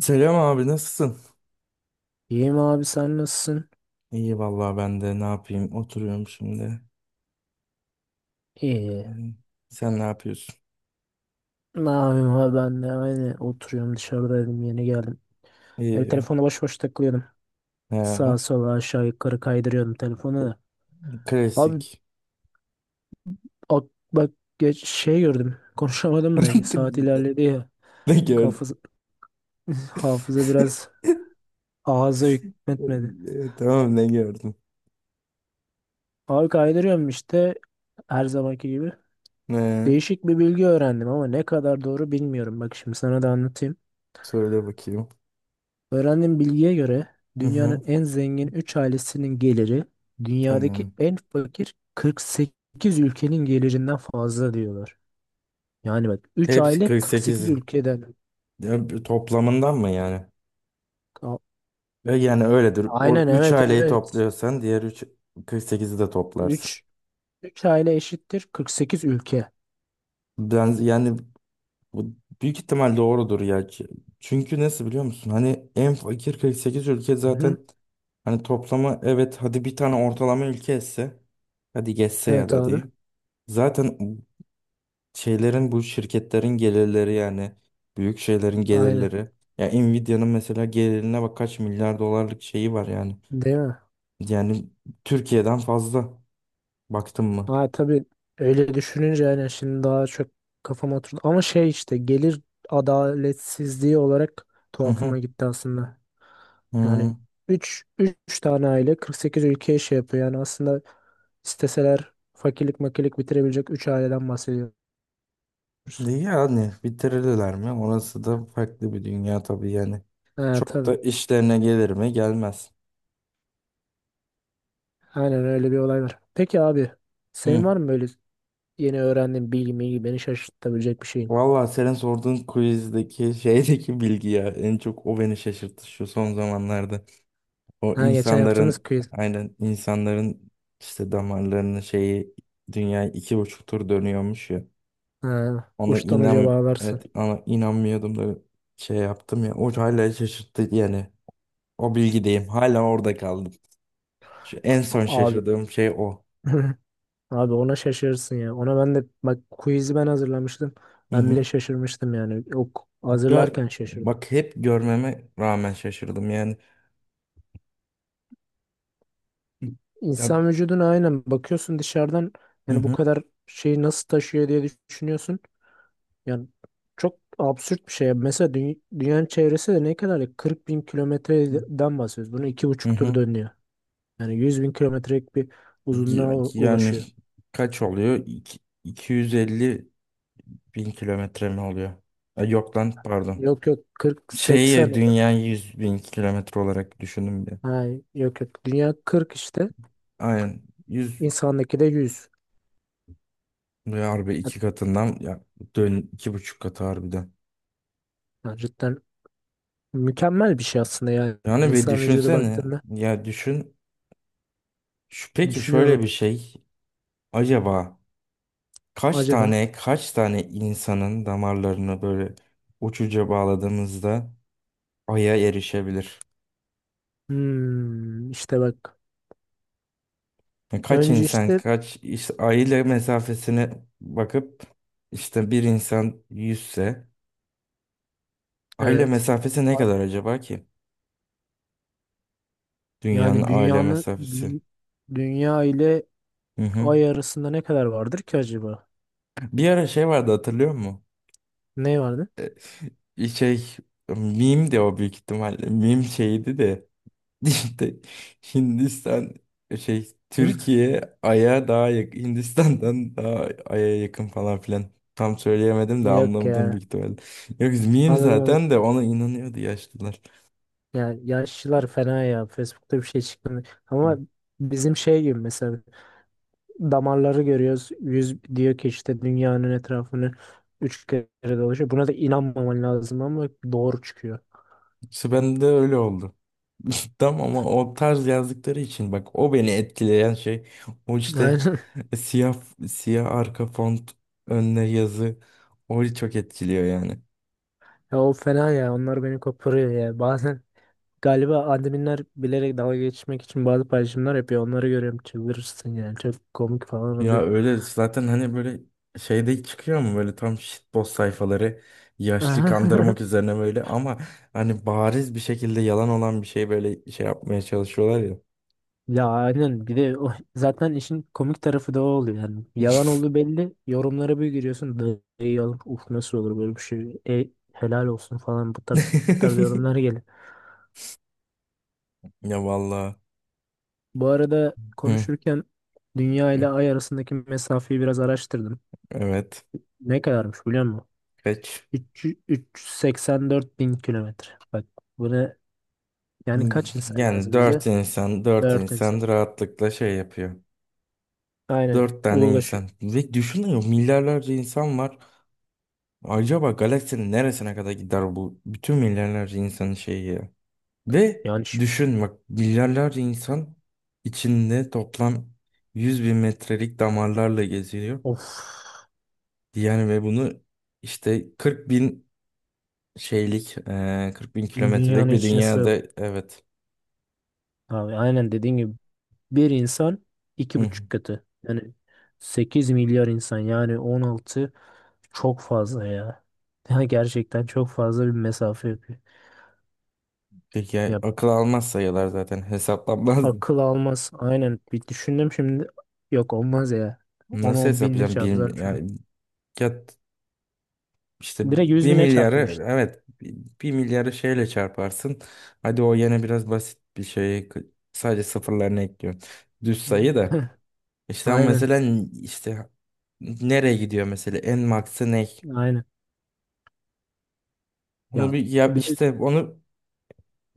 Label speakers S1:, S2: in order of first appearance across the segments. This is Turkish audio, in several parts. S1: Selam abi, nasılsın?
S2: İyiyim abi, sen nasılsın?
S1: İyi vallahi, ben de ne yapayım, oturuyorum şimdi.
S2: İyi.
S1: Hı. Sen ne yapıyorsun?
S2: Ne yapayım abi, ben de aynı oturuyorum, dışarıdaydım yeni geldim. Böyle
S1: İyi.
S2: telefona boş boş takılıyordum.
S1: He,
S2: Sağa sola, aşağı yukarı kaydırıyordum telefonu da. Abi,
S1: klasik.
S2: bak, geç şey gördüm konuşamadım da saat ilerledi ya.
S1: Ne gördüm?
S2: Kafız, Hafıza biraz ağza hükmetmedi.
S1: Tamam, ne gördün?
S2: Abi kaydırıyorum işte, her zamanki gibi.
S1: Ne?
S2: Değişik bir bilgi öğrendim ama ne kadar doğru bilmiyorum. Bak şimdi sana da anlatayım.
S1: Söyle bakayım.
S2: Öğrendiğim bilgiye göre
S1: Hı
S2: dünyanın
S1: hı,
S2: en zengin 3 ailesinin geliri dünyadaki
S1: tamam.
S2: en fakir 48 ülkenin gelirinden fazla diyorlar. Yani bak, 3
S1: Hepsi
S2: aile 48
S1: 48.
S2: ülkeden.
S1: Ya, bir toplamından mı yani?
S2: A-
S1: Yani öyledir. O
S2: Aynen,
S1: 3
S2: evet
S1: aileyi
S2: evet.
S1: topluyorsan diğer 3 48'i de toplarsın.
S2: 3 3 aile eşittir 48 ülke.
S1: Ben yani, bu büyük ihtimal doğrudur ya. Çünkü nasıl biliyor musun? Hani en fakir 48 ülke
S2: Hı-hı.
S1: zaten, hani toplamı, evet, hadi bir tane ortalama ülke etse, hadi geçse ya
S2: Evet
S1: da
S2: abi.
S1: diyeyim. Zaten şeylerin, bu şirketlerin gelirleri yani, büyük şeylerin
S2: Aynen.
S1: gelirleri. Ya Nvidia'nın mesela gelirine bak, kaç milyar dolarlık şeyi var yani.
S2: Değil mi?
S1: Yani Türkiye'den fazla, baktın mı?
S2: Ha tabii, öyle düşününce yani şimdi daha çok kafama oturdu. Ama şey işte, gelir adaletsizliği olarak
S1: Hı
S2: tuhafıma
S1: hı.
S2: gitti aslında. Yani
S1: Hı.
S2: üç tane aile 48 ülkeye şey yapıyor. Yani aslında isteseler fakirlik makilik bitirebilecek 3 aileden bahsediyoruz.
S1: Yani bitirirler mi? Orası da farklı bir dünya tabii yani.
S2: Ha
S1: Çok
S2: tabii.
S1: da işlerine gelir mi? Gelmez.
S2: Aynen, öyle bir olay var. Peki abi,
S1: Hı.
S2: senin var mı böyle yeni öğrendiğin bilgi milgi, beni şaşırtabilecek bir şeyin?
S1: Valla senin sorduğun quizdeki şeydeki bilgi ya, en çok o beni şaşırttı şu son zamanlarda. O
S2: Ha, geçen yaptığımız
S1: insanların,
S2: quiz.
S1: aynen, insanların işte damarlarının şeyi, dünya iki buçuk tur dönüyormuş ya.
S2: Ha,
S1: Ona
S2: uçtan uca
S1: inan,
S2: bağlarsın.
S1: evet, ona inanmıyordum da şey yaptım ya. O hala şaşırttı yani. O bilgideyim. Hala orada kaldım. Şu en son
S2: Abi.
S1: şaşırdığım şey o.
S2: Abi, ona şaşırırsın ya. Ona ben de bak, quiz'i ben hazırlamıştım.
S1: Hı
S2: Ben bile
S1: hı.
S2: şaşırmıştım yani. O
S1: Ya
S2: hazırlarken şaşırdım.
S1: bak, hep görmeme rağmen şaşırdım yani. Ya
S2: İnsan vücuduna aynen bakıyorsun dışarıdan,
S1: hı
S2: yani bu
S1: hı.
S2: kadar şeyi nasıl taşıyor diye düşünüyorsun. Yani çok absürt bir şey. Mesela dünyanın çevresi de ne kadar ya? 40 bin kilometreden bahsediyoruz. Bunu iki
S1: Hı
S2: buçuk tur
S1: hı.
S2: dönüyor. Yani 100 bin kilometrelik bir uzunluğa
S1: Ya- Yani
S2: ulaşıyor.
S1: kaç oluyor? 250 bin kilometre mi oluyor? Ha, yok lan pardon.
S2: Yok yok, 40,
S1: Şeyi,
S2: 80.
S1: dünya 100 bin kilometre olarak düşündüm bir.
S2: Hayır, yok yok. Dünya 40 işte.
S1: Aynen, 100.
S2: İnsandaki de 100.
S1: Ve harbi iki katından ya, dön iki buçuk katı harbiden.
S2: Ha, cidden mükemmel bir şey aslında yani.
S1: Yani bir
S2: İnsan vücudu
S1: düşünsene,
S2: baktığında
S1: ya düşün. Şu, peki şöyle
S2: düşünüyorum
S1: bir şey, acaba kaç
S2: acaba.
S1: tane kaç tane insanın damarlarını böyle uçuca bağladığımızda aya erişebilir?
S2: Hmm, işte bak.
S1: Yani kaç
S2: Önce
S1: insan,
S2: işte,
S1: kaç işte ay ile mesafesine bakıp, işte bir insan yüzse aile
S2: evet.
S1: mesafesi ne kadar acaba ki? Dünyanın
S2: Yani
S1: aile mesafesi.
S2: dünya ile
S1: Hı hı.
S2: ay arasında ne kadar vardır ki acaba?
S1: Bir ara şey vardı, hatırlıyor musun?
S2: Ne vardı?
S1: Şey, meme de, o büyük ihtimalle meme şeydi de, İşte Hindistan, şey,
S2: Hı?
S1: Türkiye Ay'a daha yakın Hindistan'dan, daha Ay'a yakın falan filan. Tam söyleyemedim de,
S2: Yok
S1: anlamadım
S2: ya.
S1: büyük ihtimalle. Yok miyim
S2: Anladım onu.
S1: zaten, de ona inanıyordu yaşlılar.
S2: Yani yaşlılar fena ya. Facebook'ta bir şey çıktı. Ama bizim şey gibi, mesela damarları görüyoruz. Yüz diyor ki işte dünyanın etrafını 3 kere dolaşıyor. Buna da inanmaman lazım ama doğru çıkıyor.
S1: İşte ben de öyle oldu. Tam ama o tarz yazdıkları için bak, o beni etkileyen şey, o işte
S2: Aynen.
S1: siyah, siyah arka font, önüne yazı, o çok etkiliyor yani.
S2: Ya o fena ya. Onlar beni koparıyor ya. Bazen galiba adminler bilerek dalga geçmek için bazı paylaşımlar yapıyor. Onları görüyorum, çıldırırsın yani. Çok komik falan
S1: Ya
S2: oluyor.
S1: öyle zaten, hani böyle şeyde çıkıyor mu böyle, tam shitpost sayfaları, yaşlı kandırmak üzerine böyle, ama hani bariz bir şekilde yalan olan bir şey, böyle şey yapmaya çalışıyorlar ya.
S2: Ya aynen, bir de o, zaten işin komik tarafı da o oluyor yani. Yalan olduğu belli. Yorumlara bir giriyorsun. Ey yalan. Uf, nasıl olur böyle bir şey. E, helal olsun" falan, bu tarz bu tarz yorumlar geliyor.
S1: Ya vallahi.
S2: Bu arada
S1: Hı,
S2: konuşurken dünya ile ay arasındaki mesafeyi biraz araştırdım.
S1: evet.
S2: Ne kadarmış biliyor musun?
S1: Kaç?
S2: 300 384 bin kilometre. Bak, buna yani kaç insan
S1: Yani
S2: lazım bize?
S1: dört insan, dört
S2: 4
S1: insan
S2: insan.
S1: rahatlıkla şey yapıyor.
S2: Aynen,
S1: Dört tane
S2: ulaşıyor.
S1: insan. Ve düşünüyor, milyarlarca insan var. Acaba galaksinin neresine kadar gider bu bütün milyarlarca insanın şeyi ya? Ve
S2: Yani şimdi,
S1: düşün bak, milyarlarca insan içinde toplam 100 bin metrelik damarlarla geziliyor.
S2: of,
S1: Yani ve bunu işte 40 bin şeylik, 40 bin
S2: dünyanın
S1: kilometrelik bir
S2: içine
S1: dünyada,
S2: sığ.
S1: evet.
S2: Abi, aynen dediğin gibi bir insan iki
S1: Hı hı.
S2: buçuk katı. Yani 8 milyar insan, yani 16, çok fazla ya. Ya gerçekten çok fazla bir mesafe yapıyor.
S1: Peki ya,
S2: Ya
S1: akıl almaz sayılar zaten, hesaplanmaz.
S2: akıl almaz. Aynen, bir düşündüm şimdi. Yok, olmaz ya. Onu
S1: Nasıl
S2: o binle
S1: hesaplayacağım? Bir,
S2: çarpsan şurada.
S1: yani, ya, işte
S2: Direkt 100
S1: bir
S2: bine
S1: milyarı,
S2: çarpın.
S1: evet, bir milyarı şeyle çarparsın. Hadi o yine biraz basit bir şey, sadece sıfırlarını ekliyorsun. Düz sayı da.
S2: Heh,
S1: İşte ama
S2: aynen.
S1: mesela işte nereye gidiyor mesela, en maksı ne?
S2: Aynen.
S1: Onu
S2: Ya
S1: bir yap
S2: bir de
S1: işte, onu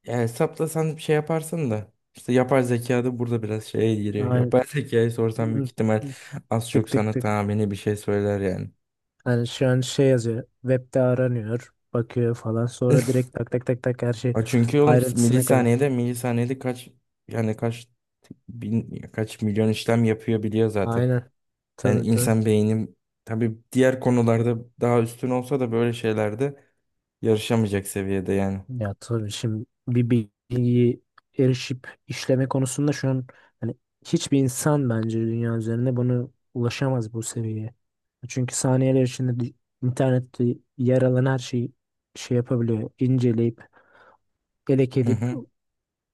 S1: ya hesaplasan bir şey yaparsın da. İşte yapar, zeka da burada biraz şeye giriyor.
S2: aynen.
S1: Yapay zekayı sorsan büyük
S2: Hı,
S1: ihtimal
S2: hı.
S1: az çok
S2: Tık tık
S1: sana
S2: tık.
S1: tahmini bir şey söyler yani.
S2: Hani şu an şey yazıyor. Web'de aranıyor. Bakıyor falan. Sonra direkt tak tak tak tak, her şey
S1: Ha, çünkü oğlum
S2: ayrıntısına kadar.
S1: milisaniyede, milisaniyede kaç, yani kaç bin, kaç milyon işlem yapıyor, biliyor zaten.
S2: Aynen.
S1: Yani
S2: Tabii tabii.
S1: insan beyni, tabii diğer konularda daha üstün olsa da böyle şeylerde yarışamayacak seviyede yani.
S2: Ya tabii şimdi, bir bilgiyi erişip işleme konusunda şu an hani hiçbir insan bence dünya üzerinde bunu ulaşamaz, bu seviyeye. Çünkü saniyeler içinde internette yer alan her şeyi şey yapabiliyor, inceleyip, elek
S1: Hı
S2: edip,
S1: hı.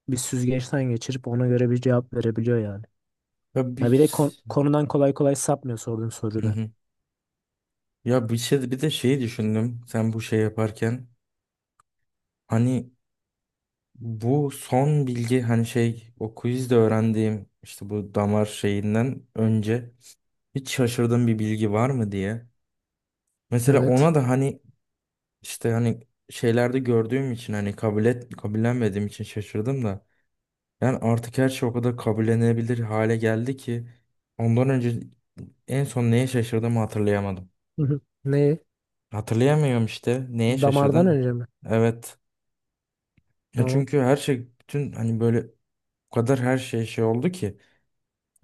S2: bir süzgeçten geçirip ona göre bir cevap verebiliyor yani.
S1: Ya
S2: Ya bir
S1: bir,
S2: de konudan kolay kolay sapmıyor sorduğun
S1: hı
S2: soruda.
S1: hı. Ya bir şey, bir de şeyi düşündüm. Sen bu şey yaparken, hani bu son bilgi, hani şey, o quizde öğrendiğim işte bu damar şeyinden önce hiç şaşırdığım bir bilgi var mı diye. Mesela ona
S2: Evet.
S1: da hani işte, hani şeylerde gördüğüm için, hani kabul et, kabullenmediğim için şaşırdım da. Yani artık her şey o kadar kabullenebilir hale geldi ki, ondan önce en son neye şaşırdığımı hatırlayamadım.
S2: Hı hı. Ne?
S1: Hatırlayamıyorum işte. Neye
S2: Damardan
S1: şaşırdım?
S2: önce mi?
S1: Evet. Ya
S2: Tamam.
S1: çünkü her şey, bütün, hani böyle o kadar her şey şey oldu ki,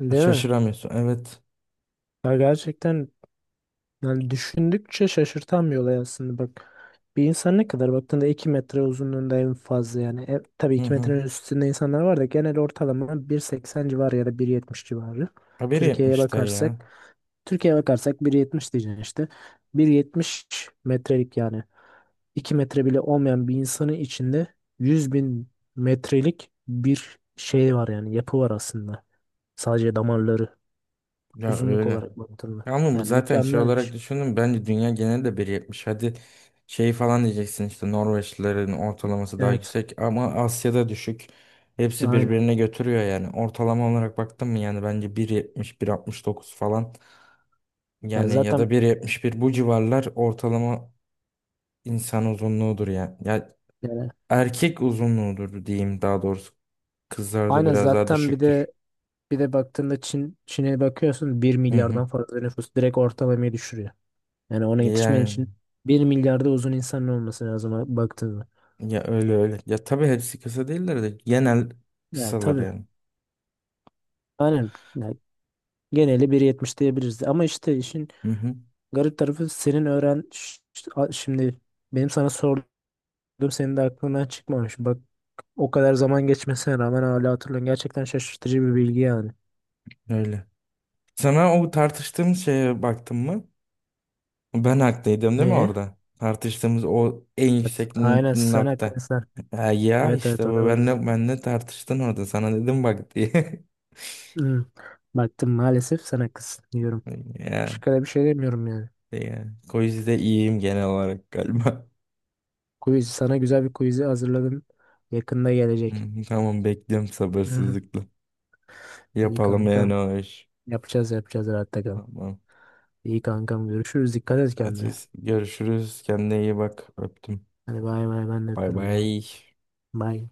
S2: Değil mi?
S1: şaşıramıyorsun. Evet.
S2: Ya gerçekten, yani düşündükçe şaşırtan bir olay aslında bak. Bir insan ne kadar baktığında 2 metre uzunluğunda en fazla yani. E, tabii
S1: Hı
S2: 2
S1: hı.
S2: metrenin üstünde insanlar var da genel ortalama 1.80 civarı ya da 1.70 civarı.
S1: Haberi
S2: Türkiye'ye
S1: yapmış da
S2: bakarsak
S1: ya.
S2: Türkiye'ye bakarsak 1,70 diyeceksin işte. 1,70 metrelik, yani 2 metre bile olmayan bir insanın içinde 100 bin metrelik bir şey var, yani yapı var aslında. Sadece damarları,
S1: Ya
S2: uzunluk
S1: öyle.
S2: olarak baktığında.
S1: Ya ama bu
S2: Yani
S1: zaten şey olarak
S2: mükemmelmiş.
S1: düşündüm. Bence dünya genelinde biri yetmiş. Hadi şey falan diyeceksin işte, Norveçlilerin ortalaması daha
S2: Evet.
S1: yüksek ama Asya'da düşük. Hepsi
S2: Aynen.
S1: birbirine götürüyor yani. Ortalama olarak baktım mı, yani bence bir, bir yetmiş, bir altmış dokuz falan.
S2: Yani
S1: Yani ya
S2: zaten,
S1: da bir yetmiş bir, bu civarlar ortalama insan uzunluğudur yani. Ya,
S2: yani
S1: erkek uzunluğudur diyeyim daha doğrusu. Kızlarda
S2: aynen,
S1: biraz daha
S2: zaten bir
S1: düşüktür.
S2: de bir de baktığında, Çin'e bakıyorsun, bir
S1: Hı hı.
S2: milyardan fazla nüfus direkt ortalamayı düşürüyor. Yani ona yetişmen
S1: Yani
S2: için 1 milyarda uzun insanın olması lazım baktığında.
S1: ya, öyle öyle. Ya tabii hepsi kısa değiller de genel
S2: Yani
S1: kısalar
S2: tabii.
S1: yani.
S2: Aynen. Yani geneli 1,70 diyebiliriz. Ama işte işin
S1: Hı hı.
S2: garip tarafı, senin öğren Ş- ş- a- şimdi benim sana sorduğum senin de aklından çıkmamış. Bak, o kadar zaman geçmesine rağmen hala hatırlıyorsun. Gerçekten şaşırtıcı bir bilgi yani.
S1: Öyle. Sana o tartıştığımız şeye baktın mı? Ben haklıydım değil mi
S2: Neye?
S1: orada? Tartıştığımız o en
S2: Evet.
S1: yüksek
S2: Aynen sen
S1: nokta.
S2: haklısın.
S1: Ha, ya
S2: Evet evet,
S1: işte
S2: ona
S1: bu,
S2: baktım.
S1: benle tartıştın orada, sana dedim bak diye.
S2: Hmm. Baktım, maalesef sen haklısın diyorum.
S1: Ya.
S2: Başka da bir şey demiyorum yani.
S1: Yani. Quiz'de iyiyim genel olarak galiba.
S2: Quiz, sana güzel bir quiz'i hazırladım. Yakında gelecek.
S1: Hmm, tamam, bekliyorum sabırsızlıkla.
S2: İyi
S1: Yapalım
S2: kanka.
S1: yani o iş.
S2: Yapacağız yapacağız, rahatta kal.
S1: Tamam.
S2: İyi kankam, görüşürüz. Dikkat et
S1: Hadi
S2: kendine.
S1: görüşürüz. Kendine iyi bak. Öptüm.
S2: Hadi bay bay, ben de
S1: Bay
S2: öpüyorum. Bay.
S1: bay.
S2: Bay.